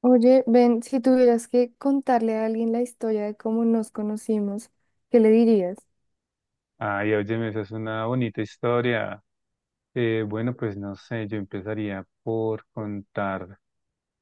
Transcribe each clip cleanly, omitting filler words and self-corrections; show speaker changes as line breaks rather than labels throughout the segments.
Oye, Ben, si tuvieras que contarle a alguien la historia de cómo nos conocimos, ¿qué le dirías?
Ay, óyeme, esa es una bonita historia. Bueno, pues no sé, yo empezaría por contar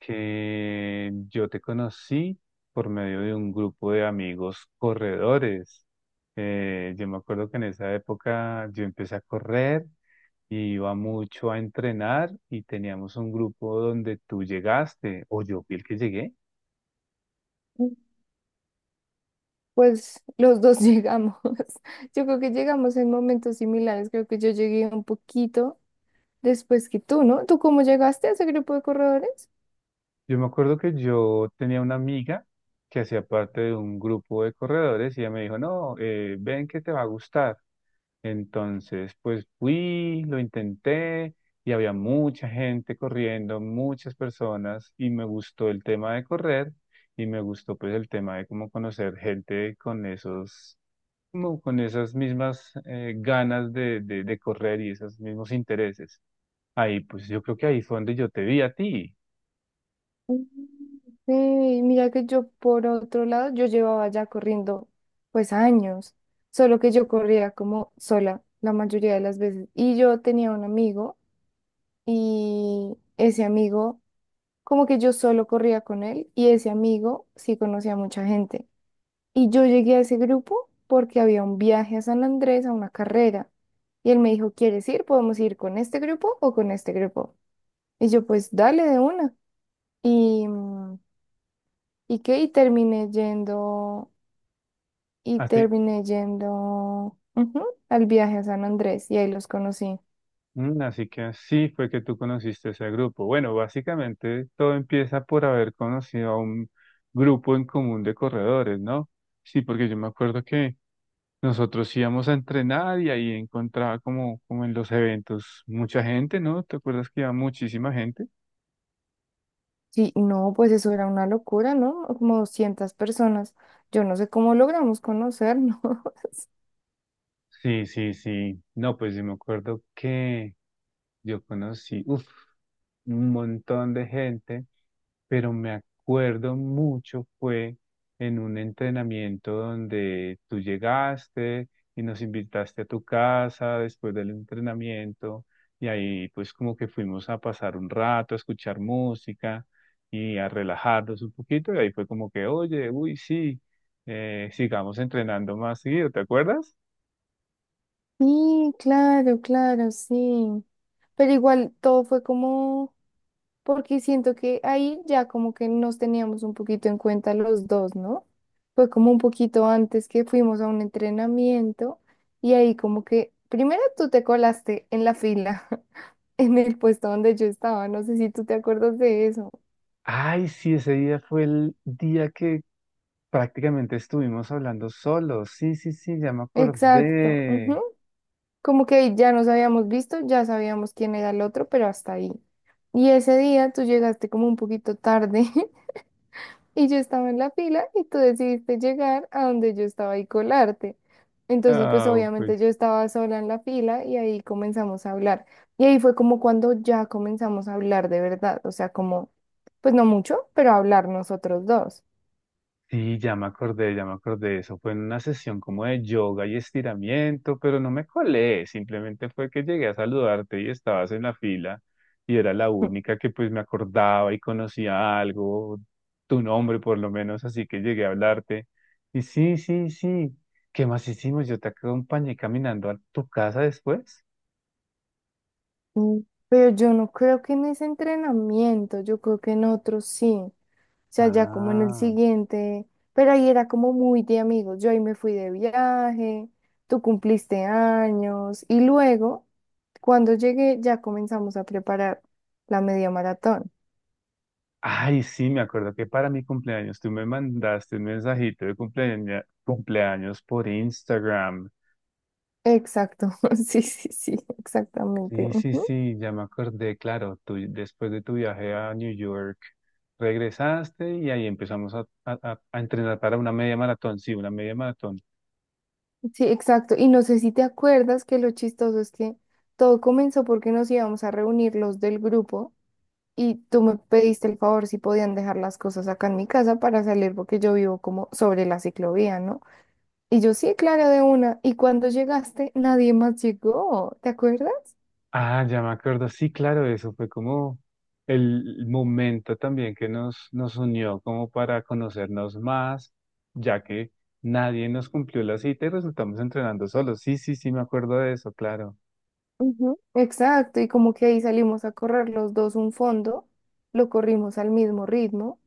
que yo te conocí por medio de un grupo de amigos corredores. Yo me acuerdo que en esa época yo empecé a correr y iba mucho a entrenar y teníamos un grupo donde tú llegaste, o yo fui el que llegué.
Mm, Pues los dos llegamos. Yo creo que llegamos en momentos similares. Creo que yo llegué un poquito después que tú, ¿no? ¿Tú cómo llegaste a ese grupo de corredores?
Yo me acuerdo que yo tenía una amiga que hacía parte de un grupo de corredores y ella me dijo, no, ven que te va a gustar. Entonces, pues fui, lo intenté y había mucha gente corriendo, muchas personas y me gustó el tema de correr y me gustó pues el tema de cómo conocer gente con esos, como con esas mismas ganas de, de correr y esos mismos intereses. Ahí, pues yo creo que ahí fue donde yo te vi a ti.
Mm. Sí, mira que yo por otro lado, yo llevaba ya corriendo pues años, solo que yo corría como sola la mayoría de las veces. Y yo tenía un amigo y ese amigo, como que yo solo corría con él y ese amigo sí conocía a mucha gente. Y yo llegué a ese grupo porque había un viaje a San Andrés a una carrera. Y él me dijo, ¿quieres ir? ¿Podemos ir con este grupo o con este grupo? Y yo pues dale de una. Y... mm, ¿Y qué? Y terminé yendo ujú, al viaje a San Andrés y ahí los conocí.
Mm, así que así fue que tú conociste ese grupo. Bueno, básicamente todo empieza por haber conocido a un grupo en común de corredores, ¿no? Sí, porque yo me acuerdo que nosotros íbamos a entrenar y ahí encontraba como, como en los eventos mucha gente, ¿no? ¿Te acuerdas que iba muchísima gente?
Sí, no, pues eso era una locura, ¿no? Como 200 personas. Yo no sé cómo logramos conocernos.
Sí, sí, sí. No, pues yo me acuerdo que yo conocí, uf, un montón de gente, pero me acuerdo mucho fue en un entrenamiento donde tú llegaste y nos invitaste a tu casa después del entrenamiento y ahí pues como que fuimos a pasar un rato, a escuchar música y a relajarnos un poquito y ahí fue como que, oye, uy, sí, sigamos entrenando más seguido, ¿te acuerdas?
Sí, claro, claro, sí. Pero igual todo fue como, porque siento que ahí ya como que nos teníamos un poquito en cuenta los dos, ¿no? Fue como un poquito antes que fuimos a un entrenamiento y ahí como que, primero tú te colaste en la fila en el puesto donde yo estaba. No sé si tú te acuerdas de eso.
Ay, sí, ese día fue el día que prácticamente estuvimos hablando solos. Sí, sí, sí, ya me
Exacto. Ujú.
acordé.
Como que ya nos habíamos visto, ya sabíamos quién era el otro, pero hasta ahí. Y ese día tú llegaste como un poquito tarde y yo estaba en la fila y tú decidiste llegar a donde yo estaba y colarte. Entonces, pues
Ah, pues.
obviamente yo estaba sola en la fila y ahí comenzamos a hablar. Y ahí fue como cuando ya comenzamos a hablar de verdad, o sea, como, pues no mucho, pero hablar nosotros dos.
Sí, ya me acordé, ya me acordé. Eso fue en una sesión como de yoga y estiramiento, pero no me colé. Simplemente fue que llegué a saludarte y estabas en la fila y era la única que pues me acordaba y conocía algo, tu nombre por lo menos, así que llegué a hablarte. Y sí, sí, sí. ¿Qué más hicimos? Yo te acompañé caminando a tu casa después.
Mm, pero yo no creo que en ese entrenamiento, yo creo que en otros sí. O sea, ya como en el
Ah.
siguiente, pero ahí era como muy de amigos. Yo ahí me fui de viaje, tú cumpliste años y luego, cuando llegué, ya comenzamos a preparar la media maratón.
Ay, sí, me acuerdo que para mi cumpleaños tú me mandaste un mensajito de cumpleaños por Instagram.
Exacto, sí, sí, sí, exactamente.
Sí, sí,
Ujú.
sí, ya me acordé, claro, tú después de tu viaje a New York regresaste y ahí empezamos a, a entrenar para una media maratón, sí, una media maratón.
Sí, exacto. Y no sé si te acuerdas que lo chistoso es que todo comenzó porque nos íbamos a reunir los del grupo. Y tú me pediste el favor si podían dejar las cosas acá en mi casa para salir porque yo vivo como sobre la ciclovía, ¿no? Y yo sí, claro, de una. Y cuando llegaste, nadie más llegó, ¿te acuerdas?
Ah, ya me acuerdo, sí, claro, eso fue como el momento también que nos, nos unió como para conocernos más, ya que nadie nos cumplió la cita y resultamos entrenando solos. Sí, sí, sí, me acuerdo de eso, claro.
Ujú. Exacto, y como que ahí salimos a correr los dos un fondo, lo corrimos al mismo ritmo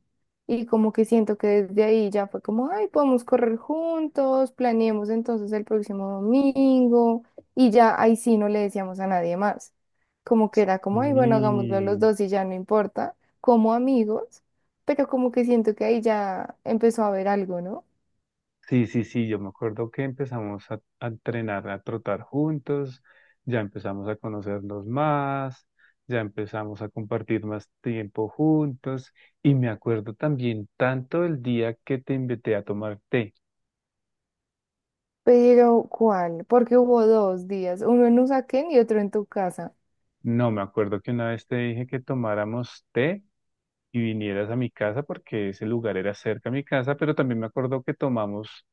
y como que siento que desde ahí ya fue como, ay, podemos correr juntos, planeemos entonces el próximo domingo y ya ahí sí no le decíamos a nadie más, como que era como, ay, bueno, hagámoslo los
Sí.
dos y ya no importa, como amigos, pero como que siento que ahí ya empezó a haber algo, ¿no?
Sí, sí, sí, yo me acuerdo que empezamos a entrenar, a trotar juntos, ya empezamos a conocernos más, ya empezamos a compartir más tiempo juntos y me acuerdo también tanto el día que te invité a tomar té.
Pero, ¿cuál? Porque hubo dos días, uno en Usaquén y otro en tu casa.
No, me acuerdo que una vez te dije que tomáramos té y vinieras a mi casa porque ese lugar era cerca a mi casa, pero también me acuerdo que tomamos,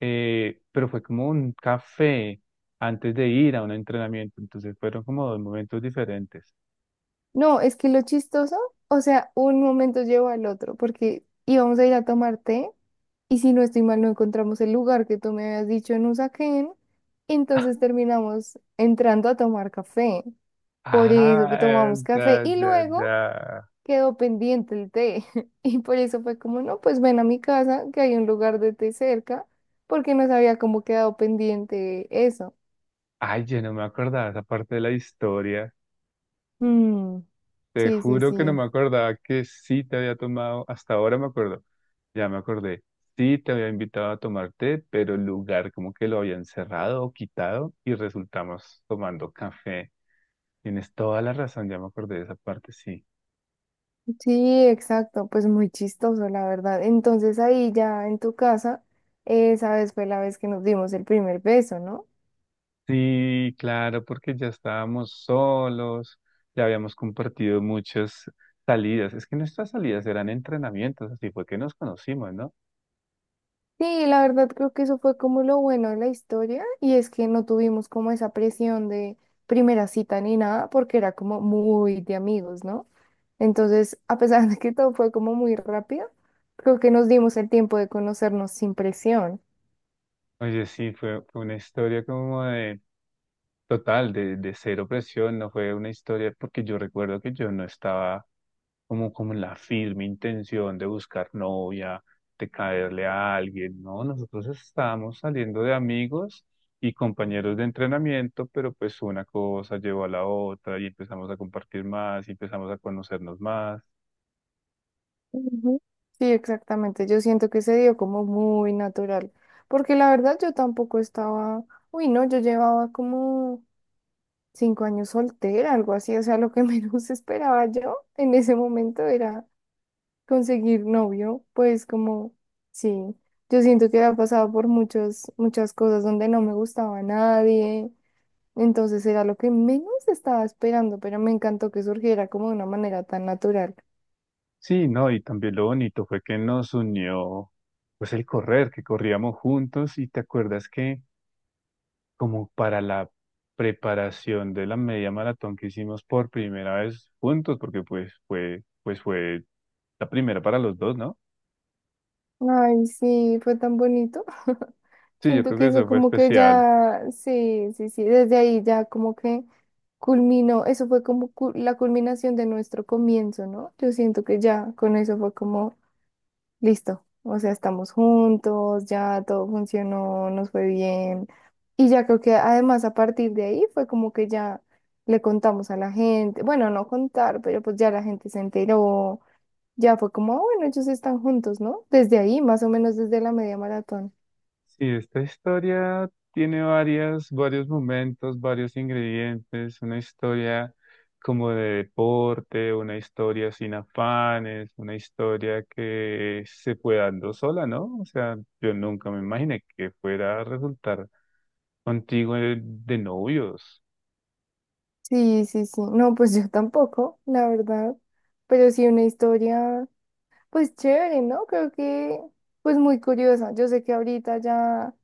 pero fue como un café antes de ir a un entrenamiento, entonces fueron como dos momentos diferentes.
No, es que lo chistoso, o sea, un momento llevó al otro, porque íbamos a ir a tomar té y si no estoy mal no encontramos el lugar que tú me habías dicho en Usaquén, entonces terminamos entrando a tomar café. Por eso
Ah,
que tomamos café
ya,
y
ya,
luego
ya.
quedó pendiente el té. Y por eso fue como, no, pues ven a mi casa, que hay un lugar de té cerca, porque nos había como quedado pendiente eso.
Ay, ya no me acordaba esa parte de la historia.
Mm,
Te
sí, sí,
juro que no me
sí.
acordaba que sí te había tomado, hasta ahora me acuerdo, ya me acordé, sí te había invitado a tomarte, pero el lugar como que lo habían cerrado o quitado y resultamos tomando café. Tienes toda la razón, ya me acordé de esa parte, sí.
Sí, exacto, pues muy chistoso, la verdad. Entonces ahí ya en tu casa, esa vez fue la vez que nos dimos el primer beso, ¿no?
Sí, claro, porque ya estábamos solos, ya habíamos compartido muchas salidas. Es que nuestras salidas eran entrenamientos, así fue que nos conocimos, ¿no?
Sí, la verdad creo que eso fue como lo bueno de la historia y es que no tuvimos como esa presión de primera cita ni nada porque era como muy de amigos, ¿no? Entonces, a pesar de que todo fue como muy rápido, creo que nos dimos el tiempo de conocernos sin presión.
Oye, sí, fue una historia como de total, de cero presión, no fue una historia, porque yo recuerdo que yo no estaba como, como en la firme intención de buscar novia, de caerle a alguien, ¿no? Nosotros estábamos saliendo de amigos y compañeros de entrenamiento, pero pues una cosa llevó a la otra y empezamos a compartir más y empezamos a conocernos más.
Ujú. Sí, exactamente. Yo siento que se dio como muy natural, porque la verdad yo tampoco estaba, uy, no, yo llevaba como 5 años soltera, algo así, o sea, lo que menos esperaba yo en ese momento era conseguir novio, pues como, sí, yo siento que había pasado por muchas cosas donde no me gustaba nadie, entonces era lo que menos estaba esperando, pero me encantó que surgiera como de una manera tan natural.
Sí, no, y también lo bonito fue que nos unió, pues el correr, que corríamos juntos y te acuerdas que como para la preparación de la media maratón que hicimos por primera vez juntos, porque pues fue la primera para los dos, ¿no?
Ay, sí, fue tan bonito.
Sí, yo
Siento
creo
que
que
eso
eso fue
como que
especial.
ya, sí, sí, sí, desde ahí ya como que culminó, eso fue como la culminación de nuestro comienzo, ¿no? Yo siento que ya con eso fue como, listo, o sea, estamos juntos, ya todo funcionó, nos fue bien. Y ya creo que además a partir de ahí fue como que ya le contamos a la gente, bueno, no contar, pero pues ya la gente se enteró. Ya fue como, "Ah, bueno, ellos están juntos, ¿no? Desde ahí, más o menos desde la media maratón".
Sí, esta historia tiene varias, varios momentos, varios ingredientes, una historia como de deporte, una historia sin afanes, una historia que se fue dando sola, ¿no? O sea, yo nunca me imaginé que fuera a resultar contigo de novios.
Sí, sí, sí. No, pues yo tampoco, la verdad. Pero sí una historia, pues chévere, ¿no? Creo que, pues muy curiosa. Yo sé que ahorita ya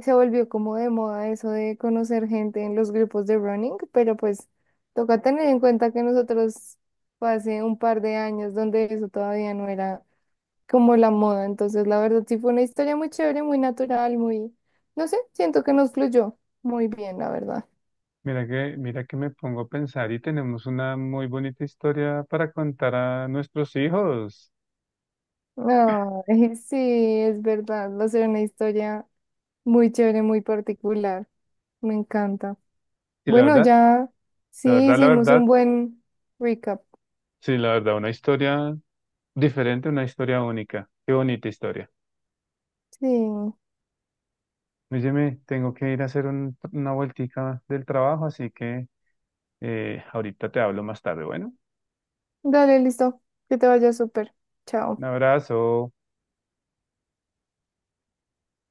se volvió como de moda eso de conocer gente en los grupos de running, pero pues toca tener en cuenta que nosotros fue hace un par de años donde eso todavía no era como la moda. Entonces, la verdad, sí fue una historia muy chévere, muy natural, muy, no sé, siento que nos fluyó muy bien, la verdad.
Mira que me pongo a pensar y tenemos una muy bonita historia para contar a nuestros hijos.
Ay, sí, es verdad, va a ser una historia muy chévere, muy particular. Me encanta.
Y la
Bueno,
verdad,
ya
la
sí
verdad, la
hicimos un
verdad,
buen recap.
sí, la verdad, una historia diferente, una historia única. Qué bonita historia.
Sí,
Oye, tengo que ir a hacer una vueltica del trabajo, así que ahorita te hablo más tarde. Bueno,
dale, listo. Que te vaya súper.
un
Chao.
abrazo.